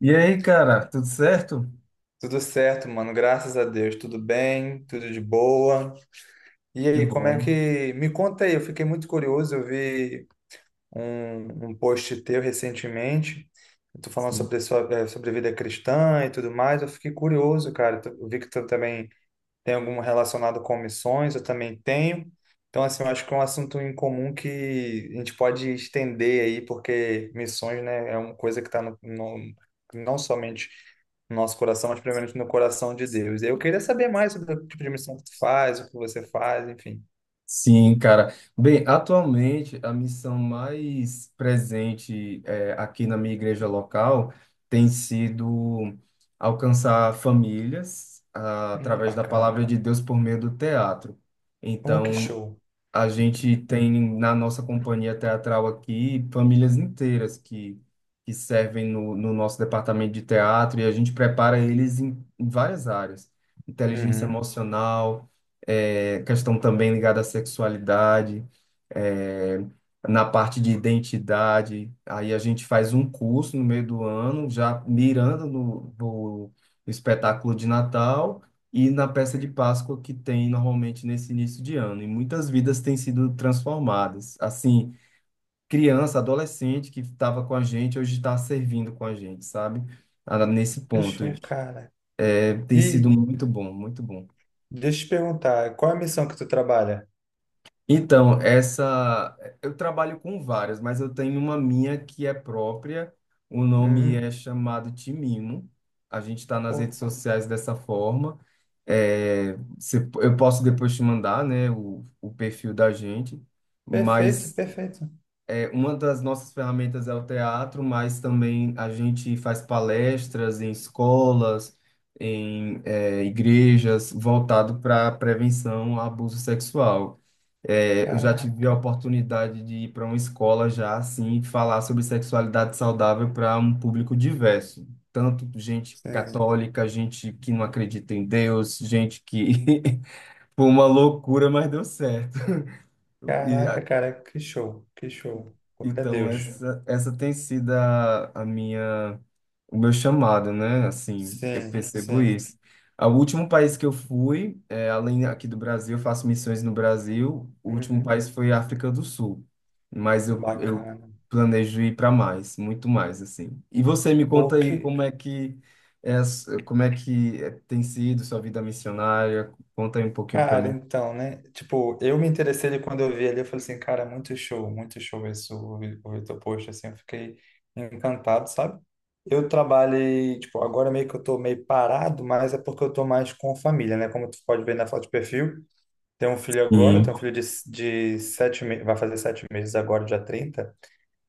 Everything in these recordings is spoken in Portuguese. E aí, cara, tudo certo? Tudo certo, mano. Graças a Deus. Tudo bem, tudo de boa. E Que aí, como é bom. que. me conta aí, eu fiquei muito curioso. Eu vi um post teu recentemente. Tu falando Sim, sobre vida cristã e tudo mais. Eu fiquei curioso, cara. Eu vi que tu também tem algum relacionado com missões, eu também tenho. Então, assim, eu acho que é um assunto em comum que a gente pode estender aí, porque missões, né, é uma coisa que está não somente no nosso coração, mas primeiramente no coração de Deus. Eu queria saber mais sobre o tipo de missão que tu faz, o que você faz, enfim. Sim, cara. Bem, atualmente a missão mais presente aqui na minha igreja local tem sido alcançar famílias através da Bacana. palavra de Deus por meio do teatro. Oh, que Então, show. a gente tem na nossa companhia teatral aqui famílias inteiras que servem no nosso departamento de teatro, e a gente prepara eles em várias áreas. Inteligência Uhum. emocional, questão também ligada à sexualidade, eh, na parte de identidade. Aí a gente faz um curso no meio do ano, já mirando no espetáculo de Natal e na peça de Páscoa que tem normalmente nesse início de ano. E muitas vidas têm sido transformadas. Assim, criança, adolescente que estava com a gente, hoje está servindo com a gente, sabe? Ah, nesse Que ponto. show, cara. É, tem sido E muito bom, muito bom. deixa eu te perguntar, qual é a missão que tu trabalha? Então, essa eu trabalho com várias, mas eu tenho uma minha que é própria. O nome Hum. é chamado Timimo. A gente está nas Oh, redes sociais dessa forma. É, eu posso depois te mandar, né, o perfil da gente, perfeito, mas perfeito. é, uma das nossas ferramentas é o teatro, mas também a gente faz palestras em escolas, em é, igrejas, voltado para prevenção a abuso sexual. É, eu já tive a Caraca. oportunidade de ir para uma escola já assim, falar sobre sexualidade saudável para um público diverso, tanto gente Sim. católica, gente que não acredita em Deus, gente que foi uma loucura, mas deu certo. E Caraca, cara, que show, que show. Glória a então, Deus. essa, essa tem sido a minha, o meu chamado, né? Assim, eu Sim, percebo sim. isso. O último país que eu fui, é, além aqui do Brasil, eu faço missões no Brasil, o último Uhum. país foi a África do Sul. Eu Bacana. planejo ir para mais, muito mais, assim. E você me conta Pô, aí que... como é que, é, como é que é, tem sido sua vida missionária? Conta aí um pouquinho para Cara, mim. então, né? Tipo, eu me interessei ali quando eu vi ali, eu falei assim, cara, muito show isso, o Vitor Post, assim, eu fiquei encantado, sabe? Eu trabalhei, tipo, agora meio que eu tô meio parado, mas é porque eu tô mais com família, né? Como tu pode ver na foto de perfil, tenho um filho agora, Sim. tenho um filho de 7 meses, vai fazer 7 meses agora, dia 30.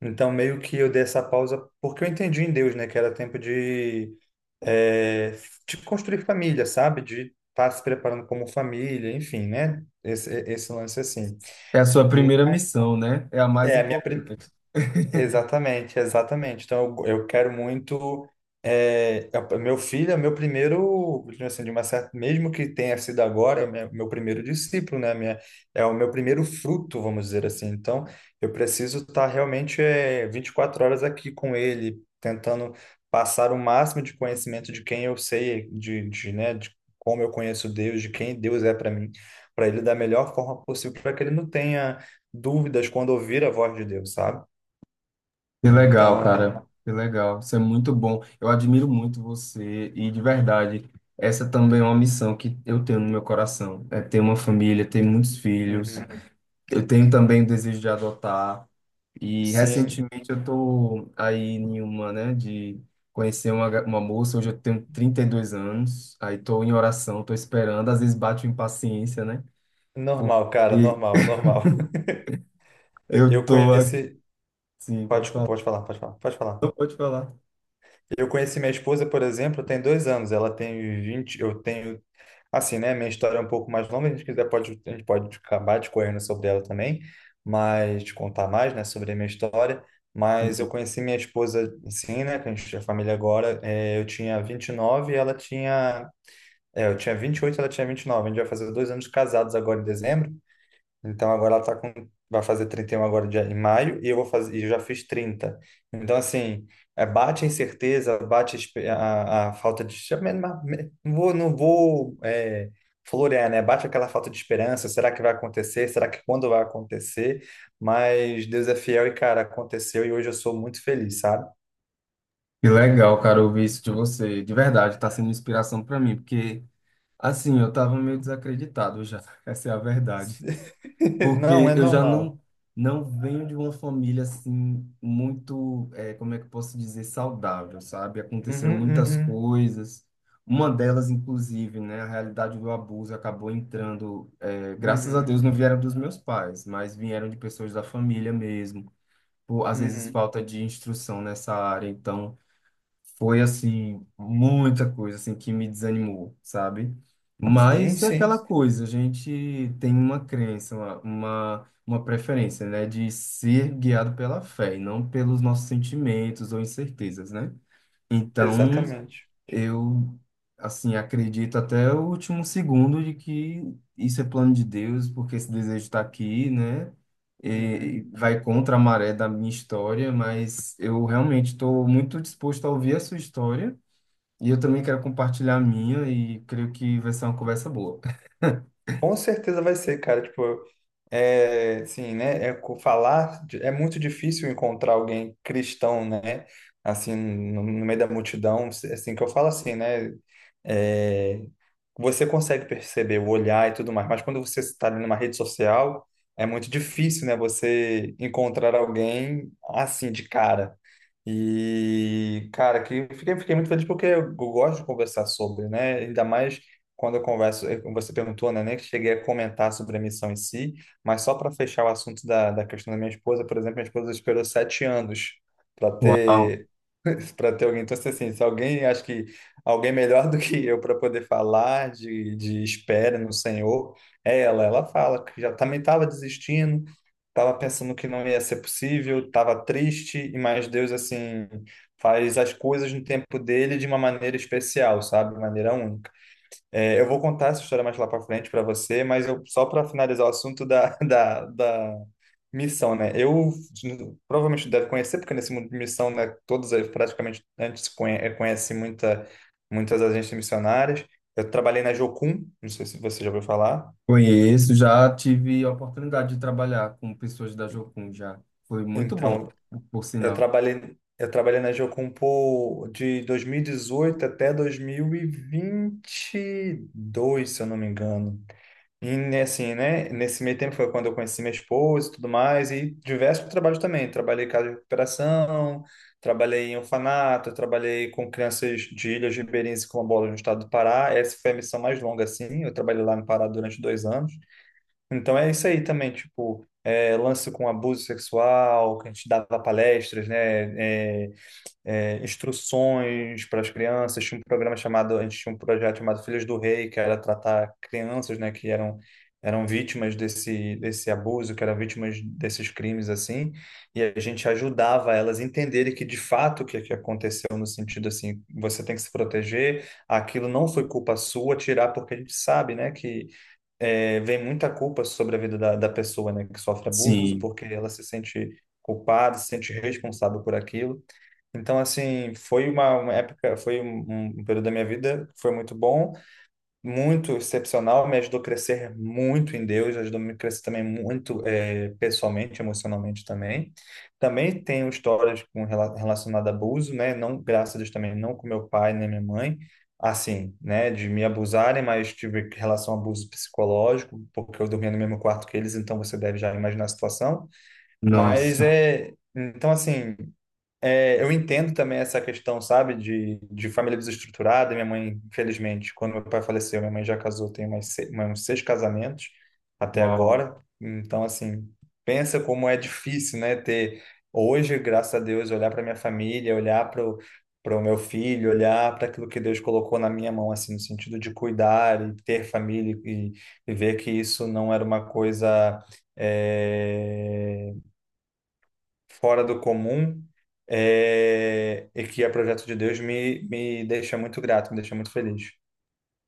Então, meio que eu dei essa pausa porque eu entendi em Deus, né? Que era tempo é, de construir família, sabe? De estar se preparando como família, enfim, né? Esse lance assim. É a sua primeira missão, né? É a mais É, a minha, pri- importante. Exatamente, exatamente. Então, eu quero muito. Meu filho é meu primeiro, digamos assim, de uma certa, mesmo que tenha sido agora, é meu primeiro discípulo, né? É o meu primeiro fruto, vamos dizer assim. Então, eu preciso estar realmente 24 horas aqui com ele, tentando passar o máximo de conhecimento de quem eu sei, de, né, de como eu conheço Deus, de quem Deus é para mim, para ele da melhor forma possível, para que ele não tenha dúvidas quando ouvir a voz de Deus, sabe? Que legal, Então, cara. Que legal. Isso é muito bom. Eu admiro muito você e, de verdade, essa também é uma missão que eu tenho no meu coração. É ter uma família, ter muitos filhos. uhum. Eu tenho também o desejo de adotar. E, Sim, recentemente, eu tô aí em uma, né, de conhecer uma, uma moça. Hoje eu tenho 32 anos. Aí tô em oração, tô esperando. Às vezes bate uma impaciência, né? Porque normal, cara, normal, normal. eu Eu tô conheci. assim, Pode, pode desculpa, falar. pode falar, pode falar, pode falar. Não pode falar. Eu conheci minha esposa, por exemplo, tem 2 anos. Ela tem 20, eu tenho. Assim, né? Minha história é um pouco mais longa. A gente quiser, pode, a gente pode acabar discorrendo sobre ela também, mas te contar mais, né, sobre a minha história. Mas eu conheci minha esposa, assim, né? Que a gente é família agora. Eu tinha 29 e ela tinha. É, eu tinha 28, ela tinha 29. A gente vai fazer 2 anos de casados agora em dezembro. Então agora ela tá com vai fazer 31 agora em maio, e eu já fiz 30. Então assim, bate a incerteza, bate a falta de não vou florear, né? Bate aquela falta de esperança, será que vai acontecer? Será que quando vai acontecer? Mas Deus é fiel e, cara, aconteceu, e hoje eu sou muito feliz, sabe? Que legal, cara, ouvir isso de você. De verdade, tá sendo inspiração para mim, porque assim, eu tava meio desacreditado já. Essa é a verdade. Não, Porque é eu já normal. não não venho de uma família assim muito, eh, como é que eu posso dizer, saudável, sabe? Aconteceram Uhum, muitas uhum, coisas. Uma delas, inclusive, né, a realidade do abuso acabou entrando, eh, graças a uhum, Deus não vieram dos meus pais, mas vieram de pessoas da família mesmo. Por, às vezes uhum. falta de instrução nessa área, então foi assim muita coisa assim que me desanimou, sabe? Sim, Mas é aquela sim, coisa, a gente tem uma crença, uma preferência, né, de ser guiado pela fé e não pelos nossos sentimentos ou incertezas, né? Então, exatamente. eu, assim, acredito até o último segundo de que isso é plano de Deus, porque esse desejo está aqui, né? Uhum. E vai contra a maré da minha história, mas eu realmente estou muito disposto a ouvir a sua história, e eu também quero compartilhar a minha e creio que vai ser uma conversa boa. Com certeza vai ser, cara. Tipo, assim, né? É muito difícil encontrar alguém cristão, né? Assim, no meio da multidão, assim que eu falo assim, né? É, você consegue perceber o olhar e tudo mais, mas quando você está ali numa rede social, é muito difícil, né? Você encontrar alguém assim de cara. E, cara, que fiquei muito feliz porque eu gosto de conversar sobre, né? Ainda mais quando eu converso, você perguntou, né, nem cheguei a comentar sobre a missão em si, mas só para fechar o assunto da questão da minha esposa, por exemplo, minha esposa esperou 7 anos para Uau, ter para ter alguém. Então, se alguém, acho que alguém melhor do que eu para poder falar de espera no Senhor, é ela. Ela fala que já também estava desistindo, estava pensando que não ia ser possível, estava triste, e mais Deus, assim, faz as coisas no tempo dele de uma maneira especial, sabe? De maneira única. É, eu vou contar essa história mais lá para frente para você, mas eu, só para finalizar o assunto da, da missão, né? Eu provavelmente deve conhecer, porque nesse mundo de missão, né, todos praticamente antes conhecem muitas agências missionárias. Eu trabalhei na Jocum, não sei se você já ouviu falar. conheço, já tive a oportunidade de trabalhar com pessoas da Jocum já. Foi muito bom, Então, por eu sinal. trabalhei, eu trabalhei na Jocum de 2018 até 2022, se eu não me engano. E né, assim, né? Nesse meio tempo foi quando eu conheci minha esposa e tudo mais, e diversos trabalhos também. Trabalhei em casa de recuperação, trabalhei em orfanato, trabalhei com crianças de Ilhas Ribeirinhas e Quilombolas no estado do Pará. Essa foi a missão mais longa, assim. Eu trabalhei lá no Pará durante 2 anos. Então é isso aí também, tipo, lance com abuso sexual, que a gente dava palestras, né? Instruções para as crianças. Tinha um programa chamado, A gente tinha um projeto chamado Filhos do Rei, que era tratar crianças, né, que eram vítimas desse abuso, que eram vítimas desses crimes assim, e a gente ajudava elas a entenderem que de fato o que que aconteceu no sentido assim, você tem que se proteger, aquilo não foi culpa sua, tirar porque a gente sabe, né, que vem muita culpa sobre a vida da pessoa, né, que sofre abuso, Sim, porque ela se sente culpada, se sente responsável por aquilo. Então, assim, foi uma época, foi um período da minha vida, que foi muito bom, muito excepcional, me ajudou a crescer muito em Deus, ajudou a me crescer também muito pessoalmente, emocionalmente também. Também tenho histórias com relacionado a abuso, né? Não, graças a Deus também, não com meu pai nem minha mãe, assim, né? De me abusarem, mas tive relação a abuso psicológico, porque eu dormia no mesmo quarto que eles, então você deve já imaginar a situação. Mas nossa, é, então assim. É, eu entendo também essa questão, sabe, de família desestruturada. Minha mãe, infelizmente, quando meu pai faleceu, minha mãe já casou, tem umas, se- mais uns 6 casamentos até uau. agora. Então, assim, pensa como é difícil, né, ter hoje, graças a Deus, olhar para minha família, olhar para o meu filho, olhar para aquilo que Deus colocou na minha mão, assim, no sentido de cuidar e ter família e, ver que isso não era uma coisa eh, fora do comum e que é projeto de Deus, me deixa muito grato, me deixa muito feliz.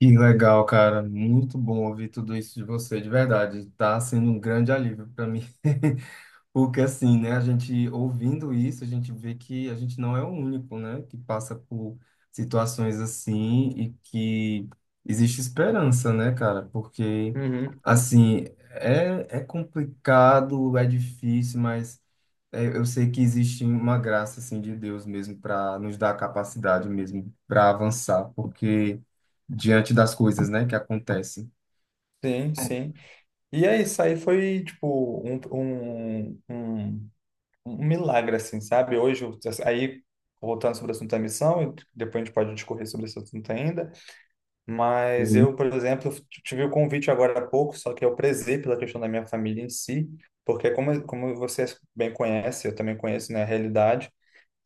Que legal, cara. Muito bom ouvir tudo isso de você, de verdade. Tá sendo um grande alívio para mim. Porque assim, né, a gente ouvindo isso, a gente vê que a gente não é o único, né, que passa por situações assim e que existe esperança, né, cara? Porque Uhum. assim, é, é complicado, é difícil, mas é, eu sei que existe uma graça assim de Deus mesmo para nos dar a capacidade mesmo para avançar, porque diante das coisas, né, que acontecem. Sim, sim. E é isso aí, foi tipo um milagre, assim, sabe? Aí, voltando sobre o assunto da missão, e depois a gente pode discorrer sobre esse assunto ainda, mas eu, por exemplo, tive o convite agora há pouco, só que eu prezei pela questão da minha família em si, porque como você bem conhece, eu também conheço, né, a realidade.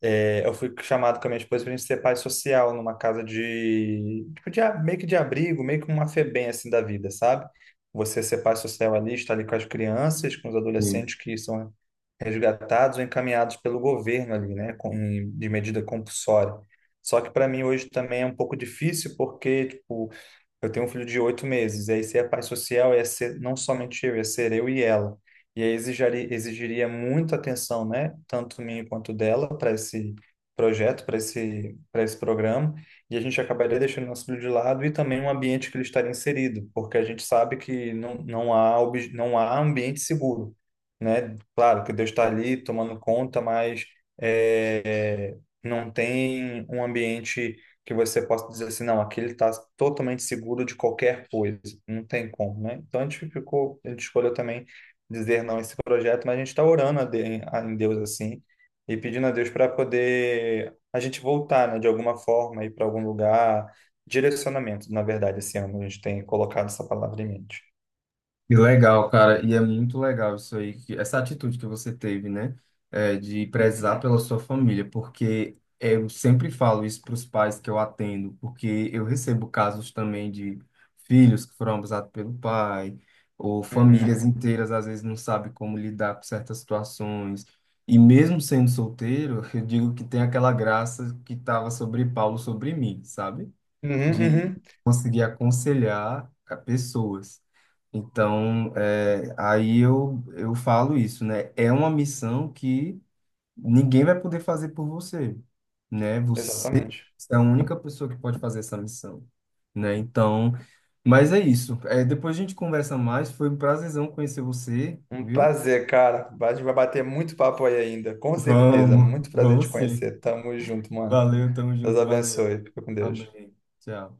É, eu fui chamado com a minha esposa para a gente ser pai social numa casa de, tipo, meio que de abrigo, meio que uma Febem assim da vida, sabe? Você ser pai social ali, estar ali com as crianças, com os Sim. adolescentes que são resgatados ou encaminhados pelo governo ali, né, de medida compulsória. Só que para mim hoje também é um pouco difícil porque, tipo, eu tenho um filho de 8 meses, e aí ser a pai social ia ser não somente eu, ia ser eu e ela. E aí exigiria muita atenção, né, tanto minha quanto dela, para esse projeto, para esse programa, e a gente acabaria deixando nosso filho de lado e também um ambiente que ele estaria inserido, porque a gente sabe que não há ambiente seguro, né? Claro que Deus está ali tomando conta, mas é, não tem um ambiente que você possa dizer assim, não, aqui ele está totalmente seguro de qualquer coisa. Não tem como, né? Então a gente escolheu também dizer não a esse projeto, mas a gente está orando em Deus assim e pedindo a Deus para poder a gente voltar, né, de alguma forma, ir para algum lugar. Direcionamento, na verdade, esse ano a gente tem colocado essa palavra em mente. Que legal, cara, e é muito legal isso aí, que- essa atitude que você teve, né, é, de Uhum, prezar pela sua família, porque eu sempre falo isso para os pais que eu atendo, porque eu recebo casos também de filhos que foram abusados pelo pai, ou uhum, famílias inteiras às vezes não sabem como lidar com certas situações, e mesmo sendo solteiro, eu digo que tem aquela graça que estava sobre Paulo sobre mim, sabe? uhum, De uhum, conseguir aconselhar a pessoas. Então, é, aí eu falo isso, né? É uma missão que ninguém vai poder fazer por você, né? Você exatamente. é a única pessoa que pode fazer essa missão, né? Então, mas é isso. É, depois a gente conversa mais. Foi um prazerzão conhecer você, Um viu? prazer, cara. A gente vai bater muito papo aí ainda, com certeza. Vamos, Muito prazer em vamos te sim. conhecer. Tamo junto, mano. Valeu, tamo Deus junto, valeu. abençoe. Fica com Deus. Amém. Tchau.